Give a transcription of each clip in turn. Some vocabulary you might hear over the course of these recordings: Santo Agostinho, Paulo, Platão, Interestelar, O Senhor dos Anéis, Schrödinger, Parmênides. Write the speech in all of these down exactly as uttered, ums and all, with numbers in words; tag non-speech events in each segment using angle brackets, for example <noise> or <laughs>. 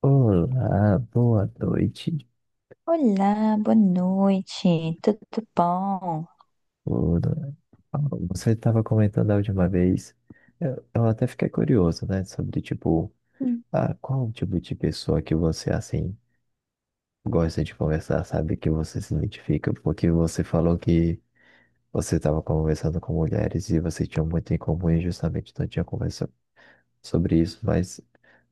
Olá, boa noite. Olá, boa noite, tudo bom? Olá. Paulo, Você estava comentando a última vez, eu, eu até fiquei curioso, né, sobre tipo, Hum. ah, qual o tipo de pessoa que você assim gosta de conversar, sabe, que você se identifica, porque você falou que você estava conversando com mulheres e vocês tinham muito em comum e justamente não tinha conversa sobre isso, mas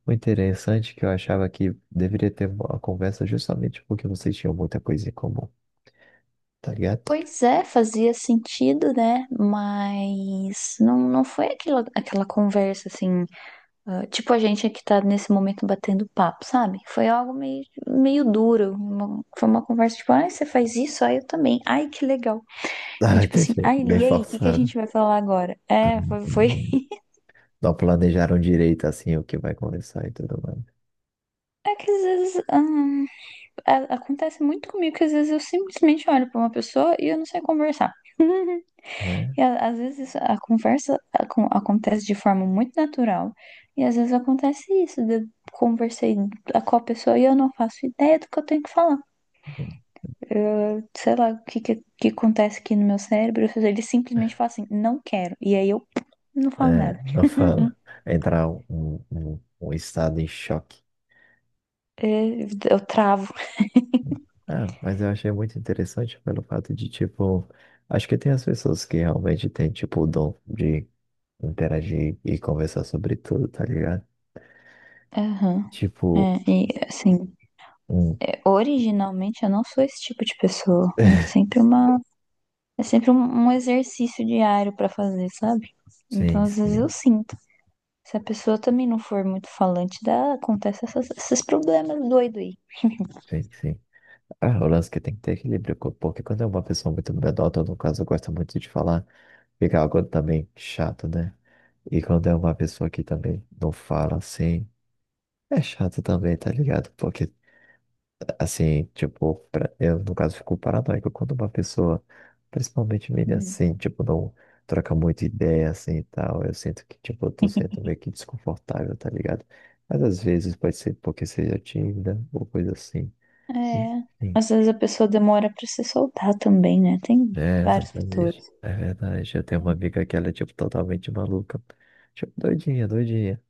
o interessante é que eu achava que deveria ter uma conversa justamente porque vocês tinham muita coisa em comum, tá ligado? Pois <laughs> é, fazia sentido, né? Mas não, não foi aquela, aquela conversa assim, ah, tipo a gente aqui tá nesse momento batendo papo, sabe? Foi algo meio, meio duro. uma- foi uma conversa tipo, ai, você faz isso, ai, eu também, ai, que legal. E Ah, tipo assim, entendi. ai, Bem e aí, o que que a forçado. gente vai falar agora? Ah, É, foi, foi. entendi. <laughs> Não planejaram direito assim o que vai conversar e tudo mais. É que às vezes, hum, a- acontece muito comigo que às vezes eu simplesmente olho pra uma pessoa e eu não sei conversar. É, E a- às vezes a conversa acon- acontece de forma muito natural, e às vezes acontece isso, de eu conversei a- com a pessoa e eu não faço ideia do que eu tenho que falar. Eu, sei lá o que, que, que acontece aqui no meu cérebro, ele simplesmente fala assim, não quero, e aí eu não falo é, nada. não fala. Entrar um, um, um estado em choque. É, Eu travo. Ah, mas eu achei muito interessante pelo fato de, tipo, acho que tem as pessoas que realmente têm, tipo, o dom de interagir e conversar sobre tudo, tá ligado? Aham. Tipo, É, e assim, um. é, originalmente eu não sou esse tipo de pessoa. É <laughs> sempre uma, é sempre um, um exercício diário pra fazer, sabe? Sim, Então, às vezes eu sim, sinto. Se a pessoa também não for muito falante, dá, acontece essas- esses problemas doido aí. sim, sim. Ah, o lance que tem que ter equilíbrio, co- porque quando é uma pessoa muito medrota, no caso, gosta muito de falar, fica algo também chato, né? E quando é uma pessoa que também não fala assim, é chato também, tá ligado? Porque, assim, tipo, pra- eu no caso fico paranoico quando uma pessoa, principalmente menina Hum. assim, tipo, não troca muita ideia assim e tal. Eu sinto que, tipo, eu tô sendo meio que desconfortável, tá ligado? Mas às vezes pode ser porque seja tímida ou coisa assim. É, Enfim, às vezes a pessoa demora pra se soltar também, né? Tem é, vários exatamente. fatores. É verdade. Eu tenho uma É. amiga que ela é, tipo, totalmente maluca. Tipo, doidinha, doidinha.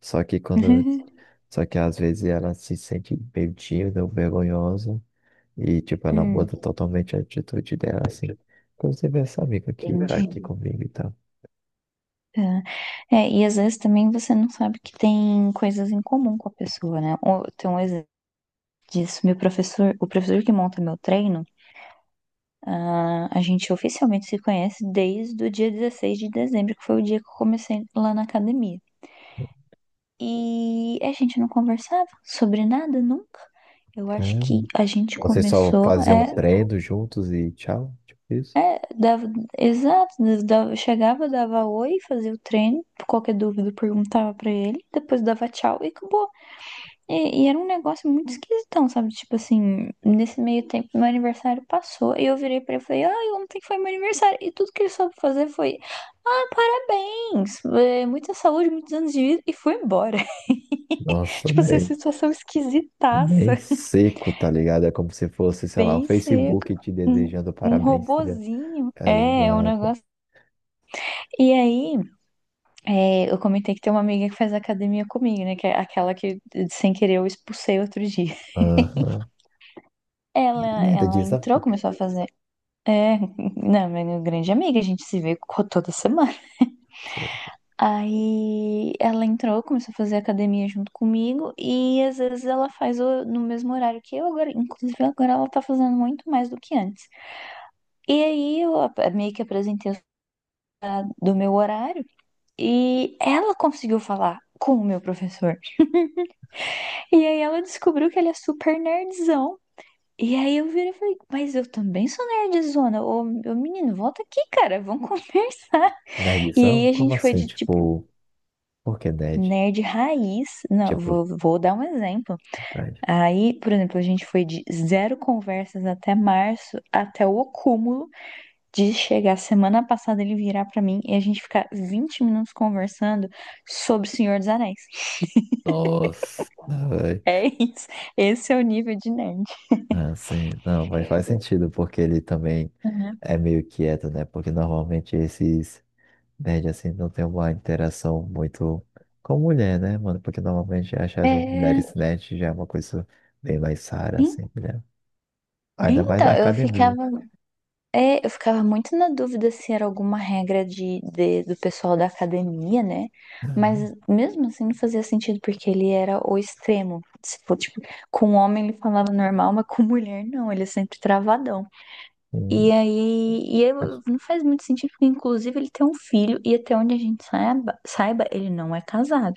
Só que quando <laughs> Só que às vezes ela se sente meio tímida ou vergonhosa e, tipo, ela Hum, muda totalmente a atitude dela, assim. Inclusive essa amiga que tá aqui entendi. comigo e tal. Tá. É, e às vezes também você não sabe que tem coisas em comum com a pessoa, né? Ou- Tem um exemplo disso. Meu professor, o professor que monta meu treino, ah, a gente oficialmente se conhece desde o dia dezesseis de dezembro, que foi o dia que eu comecei lá na academia. E a gente não conversava sobre nada nunca. Eu acho que Caramba. a gente Vocês só começou, faziam é, treino juntos e tchau, tipo isso? é, dava, exato, dava- chegava, dava oi, fazia o treino, qualquer dúvida eu perguntava pra ele, depois dava tchau e acabou. E, e era um negócio muito esquisitão, sabe? Tipo assim, nesse meio tempo meu aniversário passou e eu virei pra ele e falei, ai, ontem foi meu aniversário. E tudo que ele soube fazer foi, ah, parabéns, eh, muita saúde, muitos anos de vida e foi embora. <laughs> Nossa, Tipo, essa bem, situação esquisitaça. bem seco, tá ligado? É como se fosse, sei lá, o Bem seco. Facebook te Um, desejando um parabéns, tá ligado? robozinho. É, é um Exato. negócio. E aí, é, eu comentei que tem uma amiga que faz academia comigo, né? Que é aquela que, sem querer, eu expulsei outro dia. Aham. Ela, E ainda ela desafio entrou, começou a fazer. É, <laughs> não, minha grande amiga, a gente se vê co- toda semana. Aí ela entrou, começou a fazer academia junto comigo e às vezes ela faz o- no mesmo horário que eu agora. Inclusive agora ela tá fazendo muito mais do que antes. E aí eu ap- meio que apresentei os- do meu horário e ela conseguiu falar com o meu professor. <laughs> E aí ela descobriu que ele é super nerdzão. E aí eu virei e falei, mas eu também sou nerdzona. Ô, ô menino, volta aqui, cara, vamos <laughs> conversar. na E edição. aí a Como gente foi assim? de tipo. Tipo, por que nerd? Nerd raiz, não, Tipo, vou, vou dar um exemplo. nerd. Aí, por exemplo, a gente foi de zero conversas até março, até o acúmulo de chegar semana passada ele virar pra mim e a gente ficar vinte minutos conversando sobre o Senhor dos Anéis. <laughs> Nossa, velho. É isso. Esse é o nível de nerd. Não, sim, não, mas faz sentido, porque ele também Uhum. é meio quieto, né? Porque normalmente esses nerds assim não tem uma interação muito com mulher, né, mano? Porque normalmente achar essas mulheres É, nerds já é uma coisa bem mais rara, en- assim, né? Ainda mais na então, eu academia. ficava, é, eu ficava muito na dúvida se era alguma regra de, de- do pessoal da academia, né? Uhum. Mas mesmo assim não fazia sentido, porque ele era o extremo. Se for, tipo, com um homem ele falava normal, mas com mulher não, ele é sempre travadão. E Sim, aí, e acho- eu- não faz muito sentido, porque inclusive ele tem um filho, e até onde a gente saiba, saiba, ele não é casado.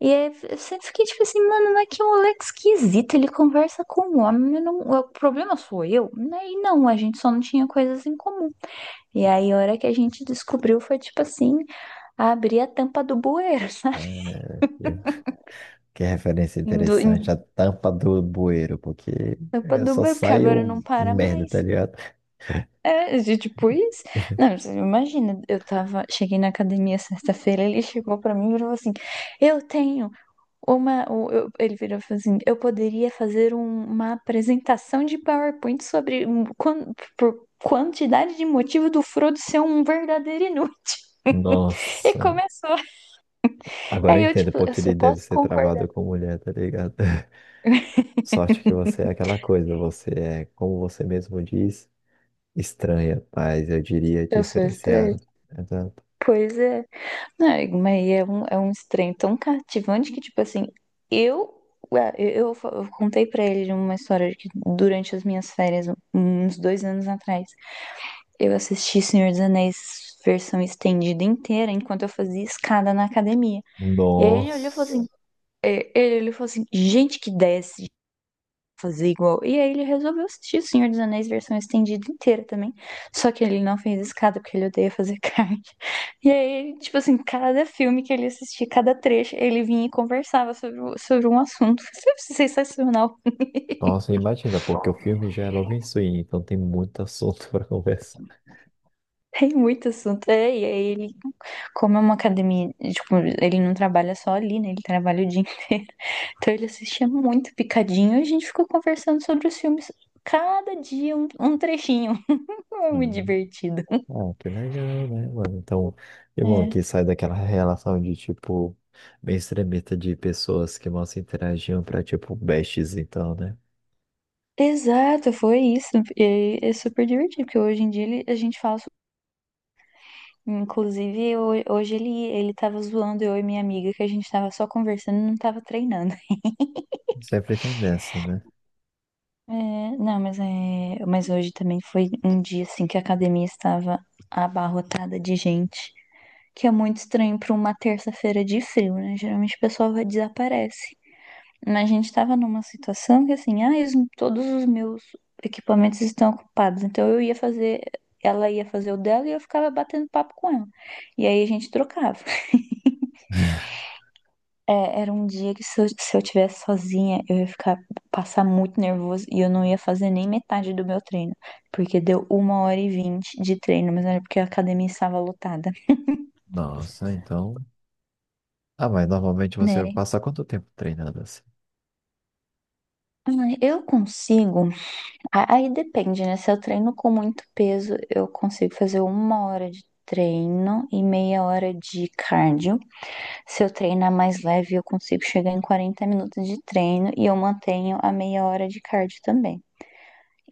E aí eu sempre fiquei tipo assim, mano, mas que moleque esquisito, ele conversa com um homem, eu não, o problema sou eu? Né? E não, a gente só não tinha coisas em comum. E aí a hora que a gente descobriu foi tipo assim, abrir a tampa do bueiro, <laughs> sabe? é, eu- que referência Do, interessante, a em- tampa do bueiro, porque tampa é, do só bueiro, porque sai agora não o para merda, mais. tá ligado? É, de tipo isso. Não, você imagina, eu tava, cheguei na academia sexta-feira, ele chegou pra mim e falou assim: "Eu tenho uma, o- eu- ele virou e falou assim: "Eu poderia fazer um- uma apresentação de PowerPoint sobre hum, quan- por quantidade de motivo do Frodo ser um verdadeiro inútil". <laughs> E Nossa. começou. Agora eu Aí eu entendo tipo, eu porque só ele deve posso ser travado concordar. com mulher, tá ligado? <laughs> Sorte que você é aquela coisa, você é, como você mesmo diz, estranha, mas eu diria Eu sou estranha. diferenciada. Exato. Pois é. É, mas é um, é um, estranho tão cativante que, tipo assim, eu, ué, eu, eu fa- eu contei pra ele uma história de que durante as minhas férias, uns dois anos atrás, eu assisti Senhor dos Anéis versão estendida inteira enquanto eu fazia escada na academia. E aí ele olhou e falou assim, Nossa, é, ele olhou e falou assim, gente que desce, fazer igual. E aí ele resolveu assistir O Senhor dos Anéis versão estendida inteira também. Só que ele não fez escada, porque ele odeia fazer <laughs> carne. E aí, tipo assim, cada filme que ele assistia, cada trecho, ele vinha e conversava sobre, sobre um assunto. Isso é sensacional. nossa, imagina, porque o filme já é logo em swing, então tem muito assunto <laughs> para conversar. Tem muito assunto. É, e aí ele, como é uma academia, tipo, ele não trabalha só ali, né? Ele trabalha o dia inteiro. <laughs> Então ele assistia muito picadinho e a gente ficou conversando sobre os filmes. Cada dia um, um trechinho. <laughs> Foi Muito Uhum. divertido. Ah, que legal, né, mano? Então, que bom É. que sai daquela relação de, tipo, bem extremista de pessoas que mal se interagiam pra, tipo, bestes, então, né? Exato, foi isso. E é super divertido, porque hoje em dia ele- a gente fala. so- Inclusive, ho- hoje ele, ele tava zoando eu e minha amiga, que a gente tava só conversando, não tava treinando. <laughs> Sempre tem dessa, né? É, não, mas, é, mas hoje também foi um dia assim que a academia estava abarrotada de gente, que é muito estranho para uma terça-feira de frio, né? Geralmente o pessoal vai- desaparece. Mas a gente estava numa situação que assim, ah, os- todos os meus equipamentos estão ocupados. Então eu ia fazer, ela ia fazer o dela e eu ficava batendo papo com ela. E aí a gente trocava. <laughs> É, era um dia que se eu, se eu tivesse sozinha, eu ia ficar, passar muito nervoso e eu não ia fazer nem metade do meu treino. Porque deu uma hora e vinte de treino, mas era porque a academia estava lotada, Nossa, então. Ah, mas normalmente você vai né? passar quanto tempo treinando assim? Ah, eu consigo. A- Aí depende, né? Se eu treino com muito peso, eu consigo fazer uma hora de treino e meia hora de cardio. Se eu treinar mais leve, eu consigo chegar em quarenta minutos de treino e eu mantenho a meia hora de cardio também.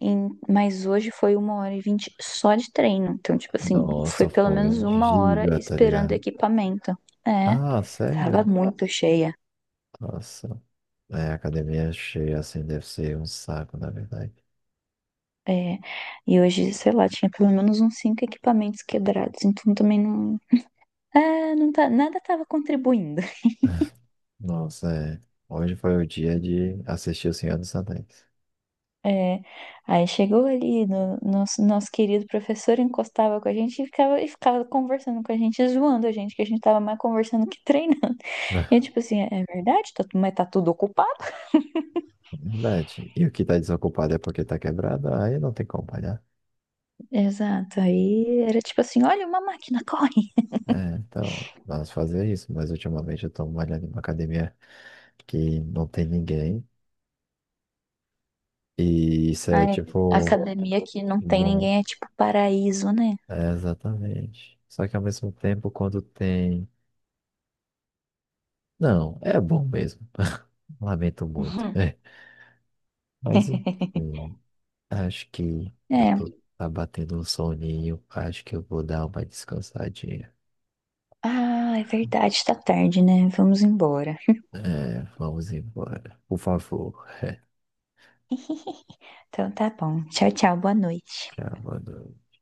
Em- mas hoje foi uma hora e vinte só de treino. Então, tipo assim, foi Nossa, pelo menos foi uma hora giga, tá esperando ligado? equipamento. É, Ah, tava sério? muito cheia. Nossa. É, a academia é cheia assim deve ser um saco, na verdade. É, e hoje, sei lá, tinha pelo menos uns cinco equipamentos quebrados, então também não, ah, não tá, nada estava contribuindo. <laughs> Nossa, é. Hoje foi o dia de assistir O Senhor dos Anéis. É, aí chegou ali, no, nosso, nosso querido professor encostava com a gente e ficava, e ficava conversando com a gente, zoando a gente, que a gente tava mais conversando que <laughs> treinando. E eu, <laughs> tipo assim, é é verdade, tá, tu- mas tá tudo ocupado? Verdade. E o que tá desocupado é porque tá quebrado, aí não tem como malhar. Exato, aí era tipo assim, olha uma máquina, corre! É, então, vamos fazer isso. Mas ultimamente eu tô malhando em uma academia que não tem ninguém. E isso é Aí, a tipo. academia que não tem Bom, ninguém é tipo paraíso, né? <laughs> é, exatamente. Só que ao mesmo tempo, quando tem. Não, é bom mesmo. <laughs> Lamento muito. Uhum. É. Mas enfim, acho que eu tô É, tá batendo um soninho. Acho que eu vou dar uma descansadinha. ah, é verdade, tá tarde, né? Vamos embora. É, vamos embora. Por favor. Então tá bom, tchau, tchau, boa noite. Já boa noite.